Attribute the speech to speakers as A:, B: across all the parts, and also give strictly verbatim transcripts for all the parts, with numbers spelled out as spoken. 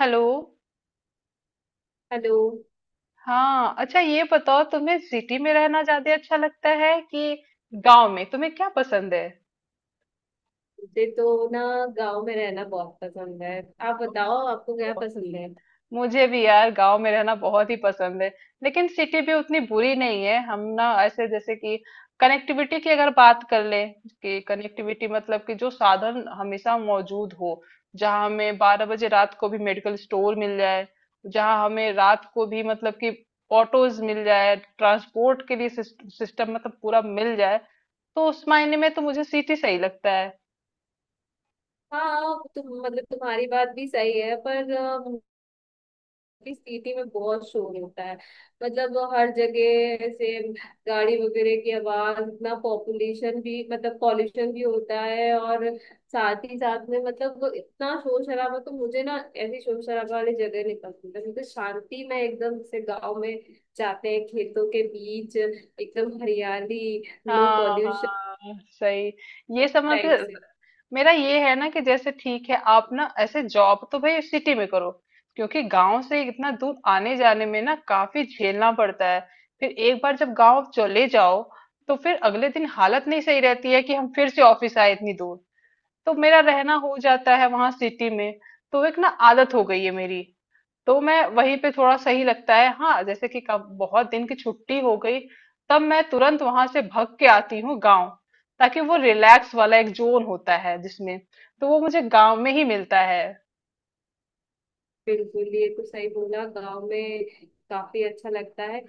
A: Hello.
B: Hello.
A: हाँ, अच्छा, ये बताओ तुम्हें सिटी में रहना ज्यादा अच्छा लगता है कि गांव में? तुम्हें क्या पसंद है?
B: मुझे तो ना गांव में रहना बहुत पसंद है। आप बताओ, आपको क्या पसंद है?
A: मुझे भी यार गांव में रहना बहुत ही पसंद है। लेकिन सिटी भी उतनी बुरी नहीं है। हम ना ऐसे जैसे कि कनेक्टिविटी की अगर बात कर ले, कि कनेक्टिविटी मतलब कि जो साधन हमेशा मौजूद हो, जहाँ हमें बारह बजे रात को भी मेडिकल स्टोर मिल जाए, जहाँ हमें रात को भी मतलब कि ऑटोज मिल जाए ट्रांसपोर्ट के लिए, सिस्टम मतलब पूरा मिल जाए। तो उस मायने में तो मुझे सिटी सही लगता है।
B: हाँ, तुम मतलब तुम्हारी बात भी सही है, पर अ, भी सिटी में बहुत शोर होता है। मतलब वो हर जगह ऐसे गाड़ी वगैरह की आवाज, इतना पॉपुलेशन भी, मतलब पॉल्यूशन भी होता है, और साथ ही साथ में मतलब वो इतना शोर शराबा, तो मुझे ना ऐसी शोर शराबा वाली जगह नहीं पसंद है। मुझे शांति में एकदम से गाँव में जाते हैं, खेतों के बीच एकदम हरियाली, नो
A: हाँ,
B: पॉल्यूशन
A: हाँ, सही। ये समझ।
B: टाइप से।
A: मेरा ये है ना, कि जैसे ठीक है, आप ना ऐसे जॉब तो भाई सिटी में करो, क्योंकि गांव से इतना दूर आने जाने में ना काफी झेलना पड़ता है। फिर एक बार जब गांव चले जाओ, तो फिर अगले दिन हालत नहीं सही रहती है कि हम फिर से ऑफिस आए इतनी दूर। तो मेरा रहना हो जाता है वहां सिटी में। तो एक ना आदत हो गई है मेरी। तो मैं वहीं पे, थोड़ा सही लगता है। हाँ, जैसे कि कब बहुत दिन की छुट्टी हो गई, तब मैं तुरंत वहां से भाग के आती हूँ गांव, ताकि वो रिलैक्स वाला एक जोन होता है जिसमें, तो वो मुझे गांव में ही मिलता है।
B: बिल्कुल, ये तो सही बोला, गांव में काफी अच्छा लगता है।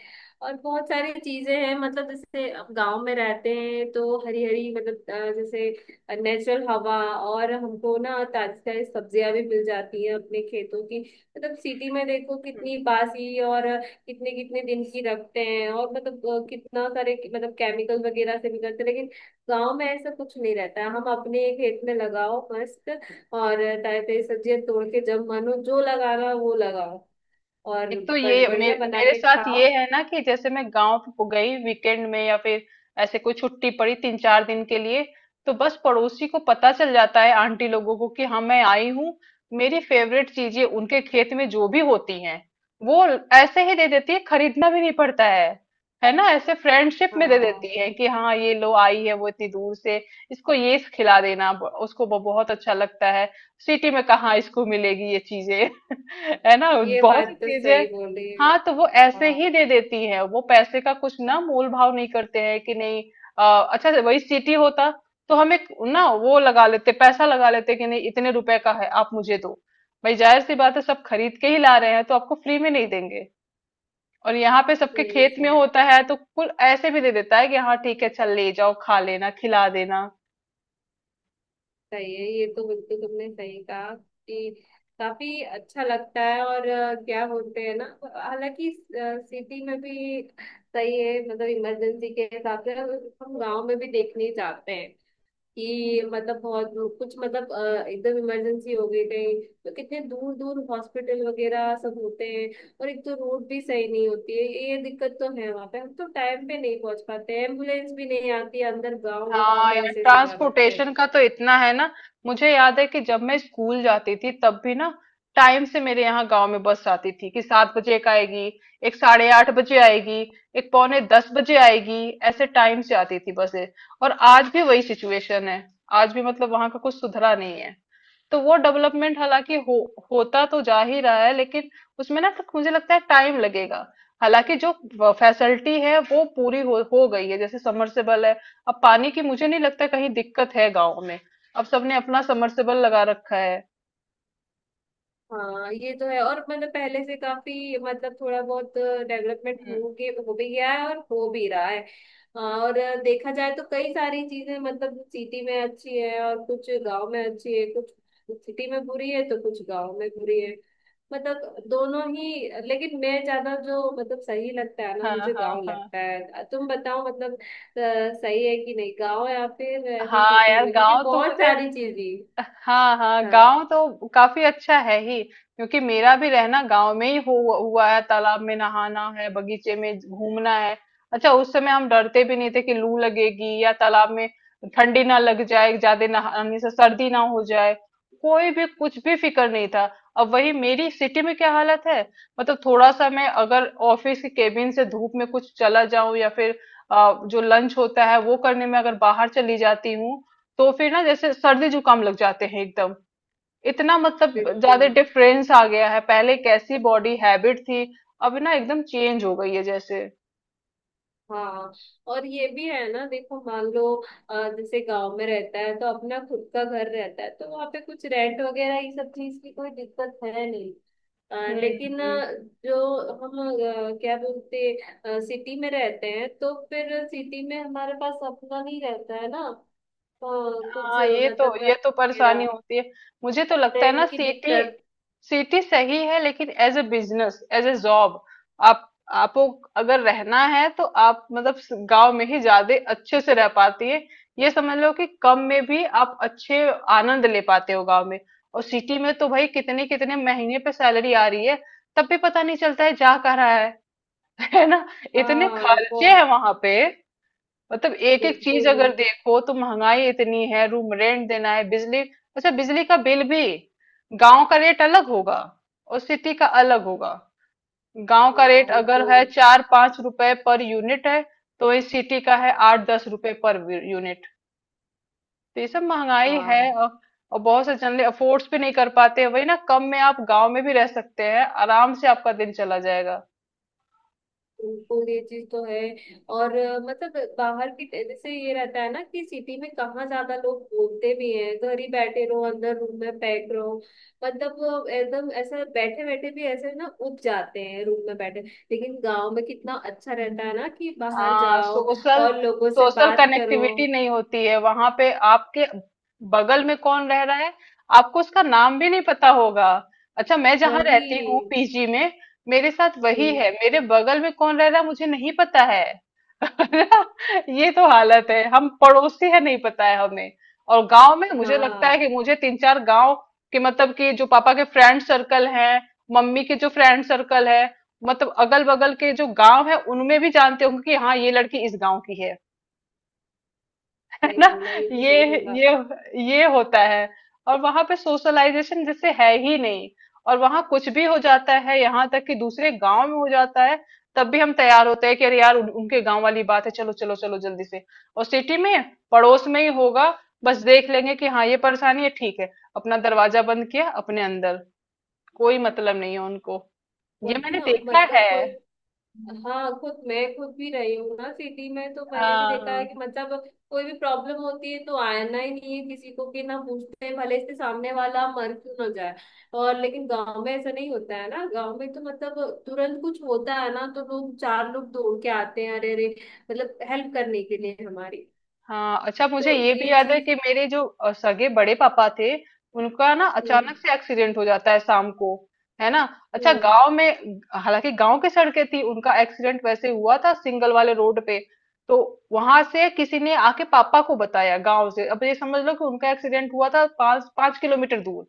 B: और बहुत सारी चीजें हैं, मतलब जैसे अब गांव में रहते हैं तो हरी हरी मतलब अ, जैसे नेचुरल हवा, और हमको ना ताजी ताजी सब्जियां भी मिल जाती हैं अपने खेतों की। मतलब सिटी में देखो कितनी बासी, और कितने कितने दिन की रखते हैं, और मतलब अ, कितना सारे मतलब केमिकल वगैरह से भी करते हैं, लेकिन गांव में ऐसा कुछ नहीं रहता है। हम अपने खेत में लगाओ मस्त, और ताजे ताजे सब्जियां तोड़ के, जब मन हो जो लगाना हो, वो लगाओ और
A: एक तो
B: ब-
A: ये मे,
B: बढ़िया बना
A: मेरे
B: के
A: साथ
B: खाओ।
A: ये है ना, कि जैसे मैं गांव गई वीकेंड में या फिर ऐसे कोई छुट्टी पड़ी तीन चार दिन के लिए, तो बस पड़ोसी को पता चल जाता है, आंटी लोगों को, कि हाँ मैं आई हूँ। मेरी फेवरेट चीजें उनके खेत में जो भी होती हैं, वो ऐसे ही दे देती है, खरीदना भी नहीं पड़ता है। है ना, ऐसे फ्रेंडशिप में दे देती
B: हाँ,
A: है कि हाँ ये लो, आई है वो इतनी दूर से, इसको ये खिला देना। ब- उसको ब- बहुत अच्छा लगता है। सिटी में कहाँ इसको मिलेगी ये चीजें? है ना।
B: ये
A: बहुत सी
B: बात तो
A: चीजें।
B: सही बोली।
A: हाँ, तो वो ऐसे
B: हाँ,
A: ही दे देती है, वो पैसे का कुछ ना, मोल भाव नहीं करते हैं कि नहीं। आ, अच्छा, वही सिटी होता तो हम एक ना वो लगा लेते, पैसा लगा लेते कि नहीं, इतने रुपए का है, आप मुझे दो। भाई जाहिर सी बात है, सब खरीद के ही ला रहे हैं, तो आपको फ्री में नहीं देंगे। और यहाँ पे सबके
B: नहीं,
A: खेत में
B: सही।
A: होता है, तो कुल ऐसे भी दे देता है कि हाँ ठीक है, चल ले जाओ, खा लेना, खिला देना।
B: सही है, ये तो बिल्कुल तुमने सही कहा कि काफी अच्छा लगता है। और अ, क्या बोलते हैं ना, हालांकि सिटी में भी सही है, मतलब इमरजेंसी के हिसाब से हम गांव में भी देखने जाते हैं कि मतलब बहुत कुछ मतलब अ, एकदम इमरजेंसी हो गई कहीं, तो कितने दूर दूर हॉस्पिटल वगैरह सब होते हैं। और एक तो रोड भी सही नहीं होती है, ये दिक्कत तो है वहां पे, हम तो टाइम पे नहीं पहुंच पाते हैं। एम्बुलेंस भी नहीं आती अंदर गांव, गांव
A: हाँ
B: में
A: यार,
B: ऐसे ऐसे कार होते
A: ट्रांसपोर्टेशन
B: हैं।
A: का तो इतना है ना। मुझे याद है कि जब मैं स्कूल जाती थी तब भी ना, टाइम से मेरे यहाँ गांव में बस आती थी, कि सात बजे एक आएगी, एक साढ़े आठ बजे आएगी, एक पौने दस बजे आएगी, ऐसे टाइम से आती थी बसें। और आज भी वही सिचुएशन है। आज भी मतलब वहां का कुछ सुधरा नहीं है। तो वो डेवलपमेंट हालांकि हो होता तो जा ही रहा है, लेकिन उसमें ना तक मुझे लगता है टाइम लगेगा। हालांकि जो फैसिलिटी है वो पूरी हो, हो गई है, जैसे समरसेबल है। अब पानी की मुझे नहीं लगता कहीं दिक्कत है गाँव में, अब सबने अपना समरसेबल लगा रखा है।
B: हाँ, ये तो है। और मतलब पहले से काफी मतलब थोड़ा बहुत डेवलपमेंट
A: हम्म।
B: हो गया, हो भी गया है और हो भी रहा है। हाँ, और देखा जाए तो कई सारी चीजें, मतलब सिटी में अच्छी है और कुछ गांव में अच्छी है, कुछ सिटी में बुरी है तो कुछ गांव में बुरी है। मतलब दोनों ही, लेकिन मैं ज्यादा जो मतलब सही लगता है ना,
A: हाँ,
B: मुझे
A: हाँ,
B: गांव
A: हाँ।
B: लगता है। तुम बताओ मतलब अ, सही है कि नहीं गांव, या फिर ऐसे
A: हाँ
B: सिटी
A: यार,
B: में, क्योंकि
A: गांव तो
B: बहुत
A: मुझे।
B: सारी चीजें।
A: हाँ, हाँ,
B: हाँ,
A: गांव तो काफी अच्छा है ही, क्योंकि मेरा भी रहना गांव में ही हुआ, हुआ है। तालाब में नहाना है, बगीचे में घूमना है। अच्छा, उस समय हम डरते भी नहीं थे कि लू लगेगी, या तालाब में ठंडी ना लग जाए, ज्यादा नहाने से सर्दी ना हो जाए। कोई भी कुछ भी फिक्र नहीं था। अब वही, मेरी सिटी में क्या हालत है। मतलब थोड़ा सा मैं अगर ऑफिस के केबिन से धूप में कुछ चला जाऊं, या फिर अ, जो लंच होता है वो करने में अगर बाहर चली जाती हूँ, तो फिर ना जैसे सर्दी जुकाम लग जाते हैं एकदम। इतना मतलब ज्यादा
B: बिल्कुल।
A: डिफरेंस आ गया है। पहले कैसी बॉडी हैबिट थी, अब ना एकदम चेंज हो गई है जैसे।
B: हाँ, और ये भी है ना, देखो मान लो अ, जैसे गांव में रहता है तो अपना खुद का घर रहता है, तो वहाँ पे कुछ रेंट वगैरह ये सब चीज की कोई दिक्कत है नहीं। अ,
A: हम्म।
B: लेकिन
A: हम्म।
B: अ, जो हम अ, क्या बोलते, सिटी में रहते हैं तो फिर सिटी में हमारे पास अपना नहीं रहता है ना, अ, कुछ
A: हाँ,
B: अ,
A: ये
B: मतलब
A: तो ये
B: घर
A: तो परेशानी
B: वगैरह।
A: होती है। मुझे तो लगता है ना
B: रेंट की
A: सिटी,
B: दिक्कत।
A: सिटी सही है, लेकिन as a business, as a job, आप आपको अगर रहना है, तो आप मतलब स- गांव में ही ज्यादा अच्छे से रह पाती है। ये समझ लो कि कम में भी आप अच्छे आनंद ले पाते हो गांव में। और सिटी में तो भाई कितने कितने महीने पे सैलरी आ रही है, तब भी पता नहीं चलता है जा कहाँ रहा है। है ना। इतने
B: हाँ वो
A: खर्चे हैं वहां पे, मतलब एक एक चीज
B: बिल्कुल।
A: अगर देखो तो महंगाई इतनी है। रूम रेंट देना है, बिजली। अच्छा, बिजली का बिल भी, गांव का रेट अलग होगा और सिटी का अलग होगा। गांव का
B: हाँ,
A: रेट
B: ये तो
A: अगर
B: है।
A: है चार पांच रुपए पर यूनिट है, तो इस सिटी का है आठ दस रुपए पर यूनिट। तो ये सब महंगाई
B: हाँ
A: है, और, और बहुत से जन अफोर्ड्स भी नहीं कर पाते। वही ना, कम में आप गांव में भी रह सकते हैं आराम से, आपका दिन चला जाएगा।
B: बिल्कुल, ये चीज तो है। और अ, मतलब बाहर की जैसे ये रहता है ना कि सिटी में कहाँ, ज्यादा लोग बोलते भी हैं घर ही बैठे रहो, अंदर रूम में पैक रहो। मतलब वो एकदम ऐसा बैठे बैठे भी ऐसे ना उब जाते हैं रूम में बैठे। लेकिन गांव में कितना अच्छा रहता है ना कि बाहर
A: हाँ,
B: जाओ
A: सोशल,
B: और लोगों से
A: सोशल
B: बात करो।
A: कनेक्टिविटी नहीं होती है वहां पे। आपके बगल में कौन रह रहा है, आपको उसका नाम भी नहीं पता होगा। अच्छा, मैं जहाँ
B: वही।
A: रहती हूँ पीजी में, मेरे साथ वही
B: हम्म।
A: है, मेरे बगल में कौन रह रहा है, मुझे नहीं पता है। ये तो हालत है, हम पड़ोसी है नहीं पता है हमें। और गांव में मुझे लगता है
B: हाँ,
A: कि मुझे तीन चार गांव के, मतलब कि जो पापा के फ्रेंड सर्कल है, मम्मी के जो फ्रेंड सर्कल है, मतलब अगल बगल के जो गांव है, उनमें भी जानते होंगे कि हाँ, ये लड़की इस गांव की है। है
B: सही
A: ना।
B: बोला, ये तो सही
A: ये
B: बोला।
A: ये ये होता है। और वहां पे सोशलाइजेशन जैसे है ही नहीं, और वहां कुछ भी हो जाता है, यहाँ तक कि दूसरे गांव में हो जाता है, तब भी हम तैयार होते हैं कि अरे यार उन, उनके गांव वाली बात है, चलो चलो चलो, जल्दी से। और सिटी में पड़ोस में ही होगा, बस देख लेंगे कि हाँ ये परेशानी है, ठीक है, अपना दरवाजा बंद किया, अपने अंदर, कोई मतलब नहीं है उनको। ये
B: वही
A: मैंने
B: ना,
A: देखा
B: मतलब
A: है।
B: कोई, हाँ, खुद मैं खुद भी रही हूँ ना सिटी में, तो मैंने भी
A: हाँ,
B: देखा है
A: हाँ।
B: कि मतलब कोई भी प्रॉब्लम होती है तो आना ही नहीं है किसी को, कि ना पूछते हैं, भले से सामने वाला मर क्यों ना जाए। और लेकिन गांव में ऐसा नहीं होता है ना, गांव में तो मतलब तुरंत कुछ होता है ना तो लोग, चार लोग दौड़ के आते हैं, अरे अरे, मतलब हेल्प करने के लिए हमारी।
A: हाँ, अच्छा, मुझे
B: तो
A: ये भी
B: ये
A: याद है
B: चीज।
A: कि मेरे जो अ, सगे बड़े पापा थे, उनका ना
B: हम्म।
A: अचानक से एक्सीडेंट हो जाता है शाम को, है ना। अच्छा,
B: हम्म।
A: गांव में, हालांकि गांव की सड़कें थी, उनका एक्सीडेंट वैसे हुआ था सिंगल वाले रोड पे। तो वहां से किसी ने आके पापा को बताया गांव से, अब ये समझ लो कि उनका एक्सीडेंट हुआ था पांच पांच किलोमीटर दूर।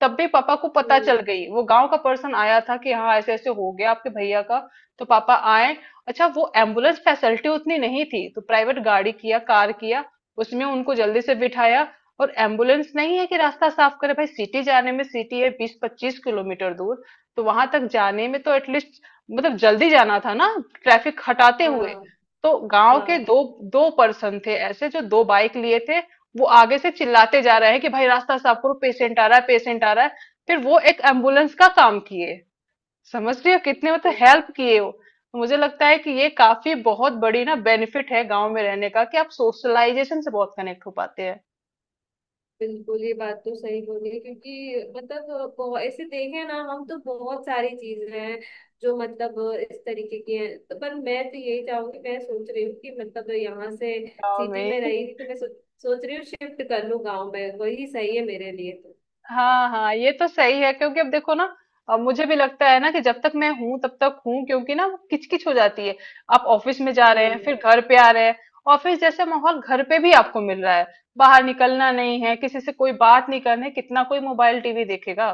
A: तब भी पापा को पता
B: हम्म।
A: चल गई, वो गांव का पर्सन आया था कि हाँ ऐसे ऐसे हो गया आपके भैया का। तो पापा आए। अच्छा, वो एम्बुलेंस फैसिलिटी उतनी नहीं थी, तो प्राइवेट गाड़ी किया, कार किया, उसमें उनको जल्दी से बिठाया। और एम्बुलेंस नहीं है कि रास्ता साफ करे, भाई सिटी जाने में, सिटी है बीस पच्चीस किलोमीटर दूर। तो वहां तक जाने में तो एटलीस्ट, मतलब जल्दी जाना था ना, ट्रैफिक हटाते हुए।
B: हाँ,
A: तो गांव के
B: हाँ।
A: दो दो पर्सन थे ऐसे, जो दो बाइक लिए थे, वो आगे से चिल्लाते जा रहे हैं कि भाई रास्ता साफ करो, पेशेंट आ रहा है, पेशेंट आ रहा है। फिर वो एक एम्बुलेंस का काम किए। समझ रही हो कितने मतलब
B: हम्म।
A: हेल्प किए वो। तो मुझे लगता है कि ये काफी बहुत बड़ी ना बेनिफिट है गांव में रहने का, कि आप सोशलाइजेशन से बहुत कनेक्ट हो पाते हैं
B: बिल्कुल, ये बात तो सही बोली है, क्योंकि मतलब बहुत ऐसे देखें ना हम तो, बहुत सारी चीजें हैं जो मतलब इस तरीके की हैं। तो पर मैं तो यही चाहूंगी, मैं सोच रही हूँ कि मतलब यहाँ से
A: गांव
B: सिटी
A: में।
B: में रही थी तो मैं सो, सोच रही हूँ शिफ्ट कर लूँ गाँव में, वही सही है मेरे लिए तो।
A: हाँ, हाँ, ये तो सही है, क्योंकि अब देखो ना, अब मुझे भी लगता है ना कि जब तक मैं हूं तब तक हूं, क्योंकि ना वो किचकिच हो जाती है। आप ऑफिस में जा रहे हैं
B: हम्म,
A: फिर घर पे आ रहे हैं, ऑफिस जैसे माहौल घर पे भी आपको मिल रहा है। बाहर निकलना नहीं है, किसी से कोई बात नहीं करनी, कितना कोई मोबाइल टीवी देखेगा?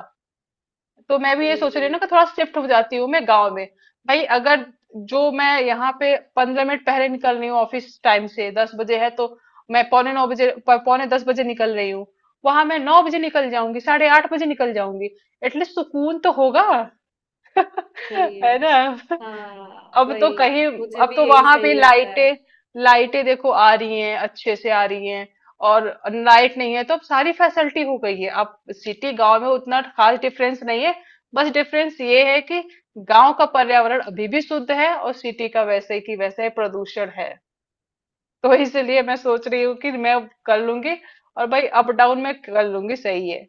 A: तो मैं भी ये सोच
B: वही
A: रही हूँ ना कि थोड़ा शिफ्ट हो जाती हूँ मैं गांव में। भाई अगर, जो मैं यहाँ पे पंद्रह मिनट पहले निकल रही हूँ ऑफिस टाइम से, दस बजे है तो मैं पौने नौ बजे प- पौने दस बजे निकल रही हूँ, वहां मैं नौ बजे निकल जाऊंगी, साढ़े आठ बजे निकल जाऊंगी, एटलीस्ट सुकून तो होगा।
B: सही है।
A: है ना।
B: हाँ
A: अब तो
B: वही,
A: कहीं,
B: मुझे
A: अब
B: भी
A: तो
B: यही
A: वहां
B: सही
A: पे
B: लगता है।
A: लाइटें, लाइटें देखो आ रही हैं, अच्छे से आ रही हैं। और लाइट नहीं है तो, अब सारी फैसिलिटी हो गई है, अब सिटी गांव में उतना खास डिफरेंस नहीं है। बस डिफरेंस ये है कि गांव का पर्यावरण अभी भी शुद्ध है और सिटी का वैसे की वैसे प्रदूषण है। तो इसलिए मैं सोच रही हूँ कि मैं कर लूंगी, और भाई अप डाउन में कर लूंगी, सही है।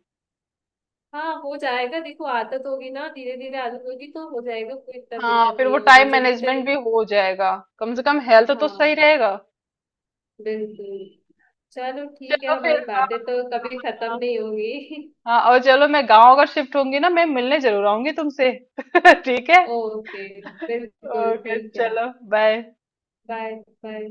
B: हाँ, हो जाएगा, देखो आदत होगी ना, धीरे धीरे आदत होगी तो हो जाएगा, कोई इतना
A: हाँ,
B: दिक्कत
A: फिर
B: नहीं
A: वो
B: है। और
A: टाइम
B: मुझे भी तो
A: मैनेजमेंट भी हो जाएगा, कम से कम हेल्थ तो सही
B: हाँ,
A: रहेगा।
B: बिल्कुल। चलो ठीक
A: चलो
B: है,
A: फिर।
B: हमारी बातें तो कभी खत्म
A: हाँ,
B: नहीं होंगी।
A: हाँ, और चलो, मैं गांव अगर शिफ्ट होंगी ना, मैं मिलने जरूर आऊंगी तुमसे। ठीक है।
B: ओके, बिल्कुल
A: ओके,
B: ठीक है।
A: चलो, बाय।
B: बाय। बाय।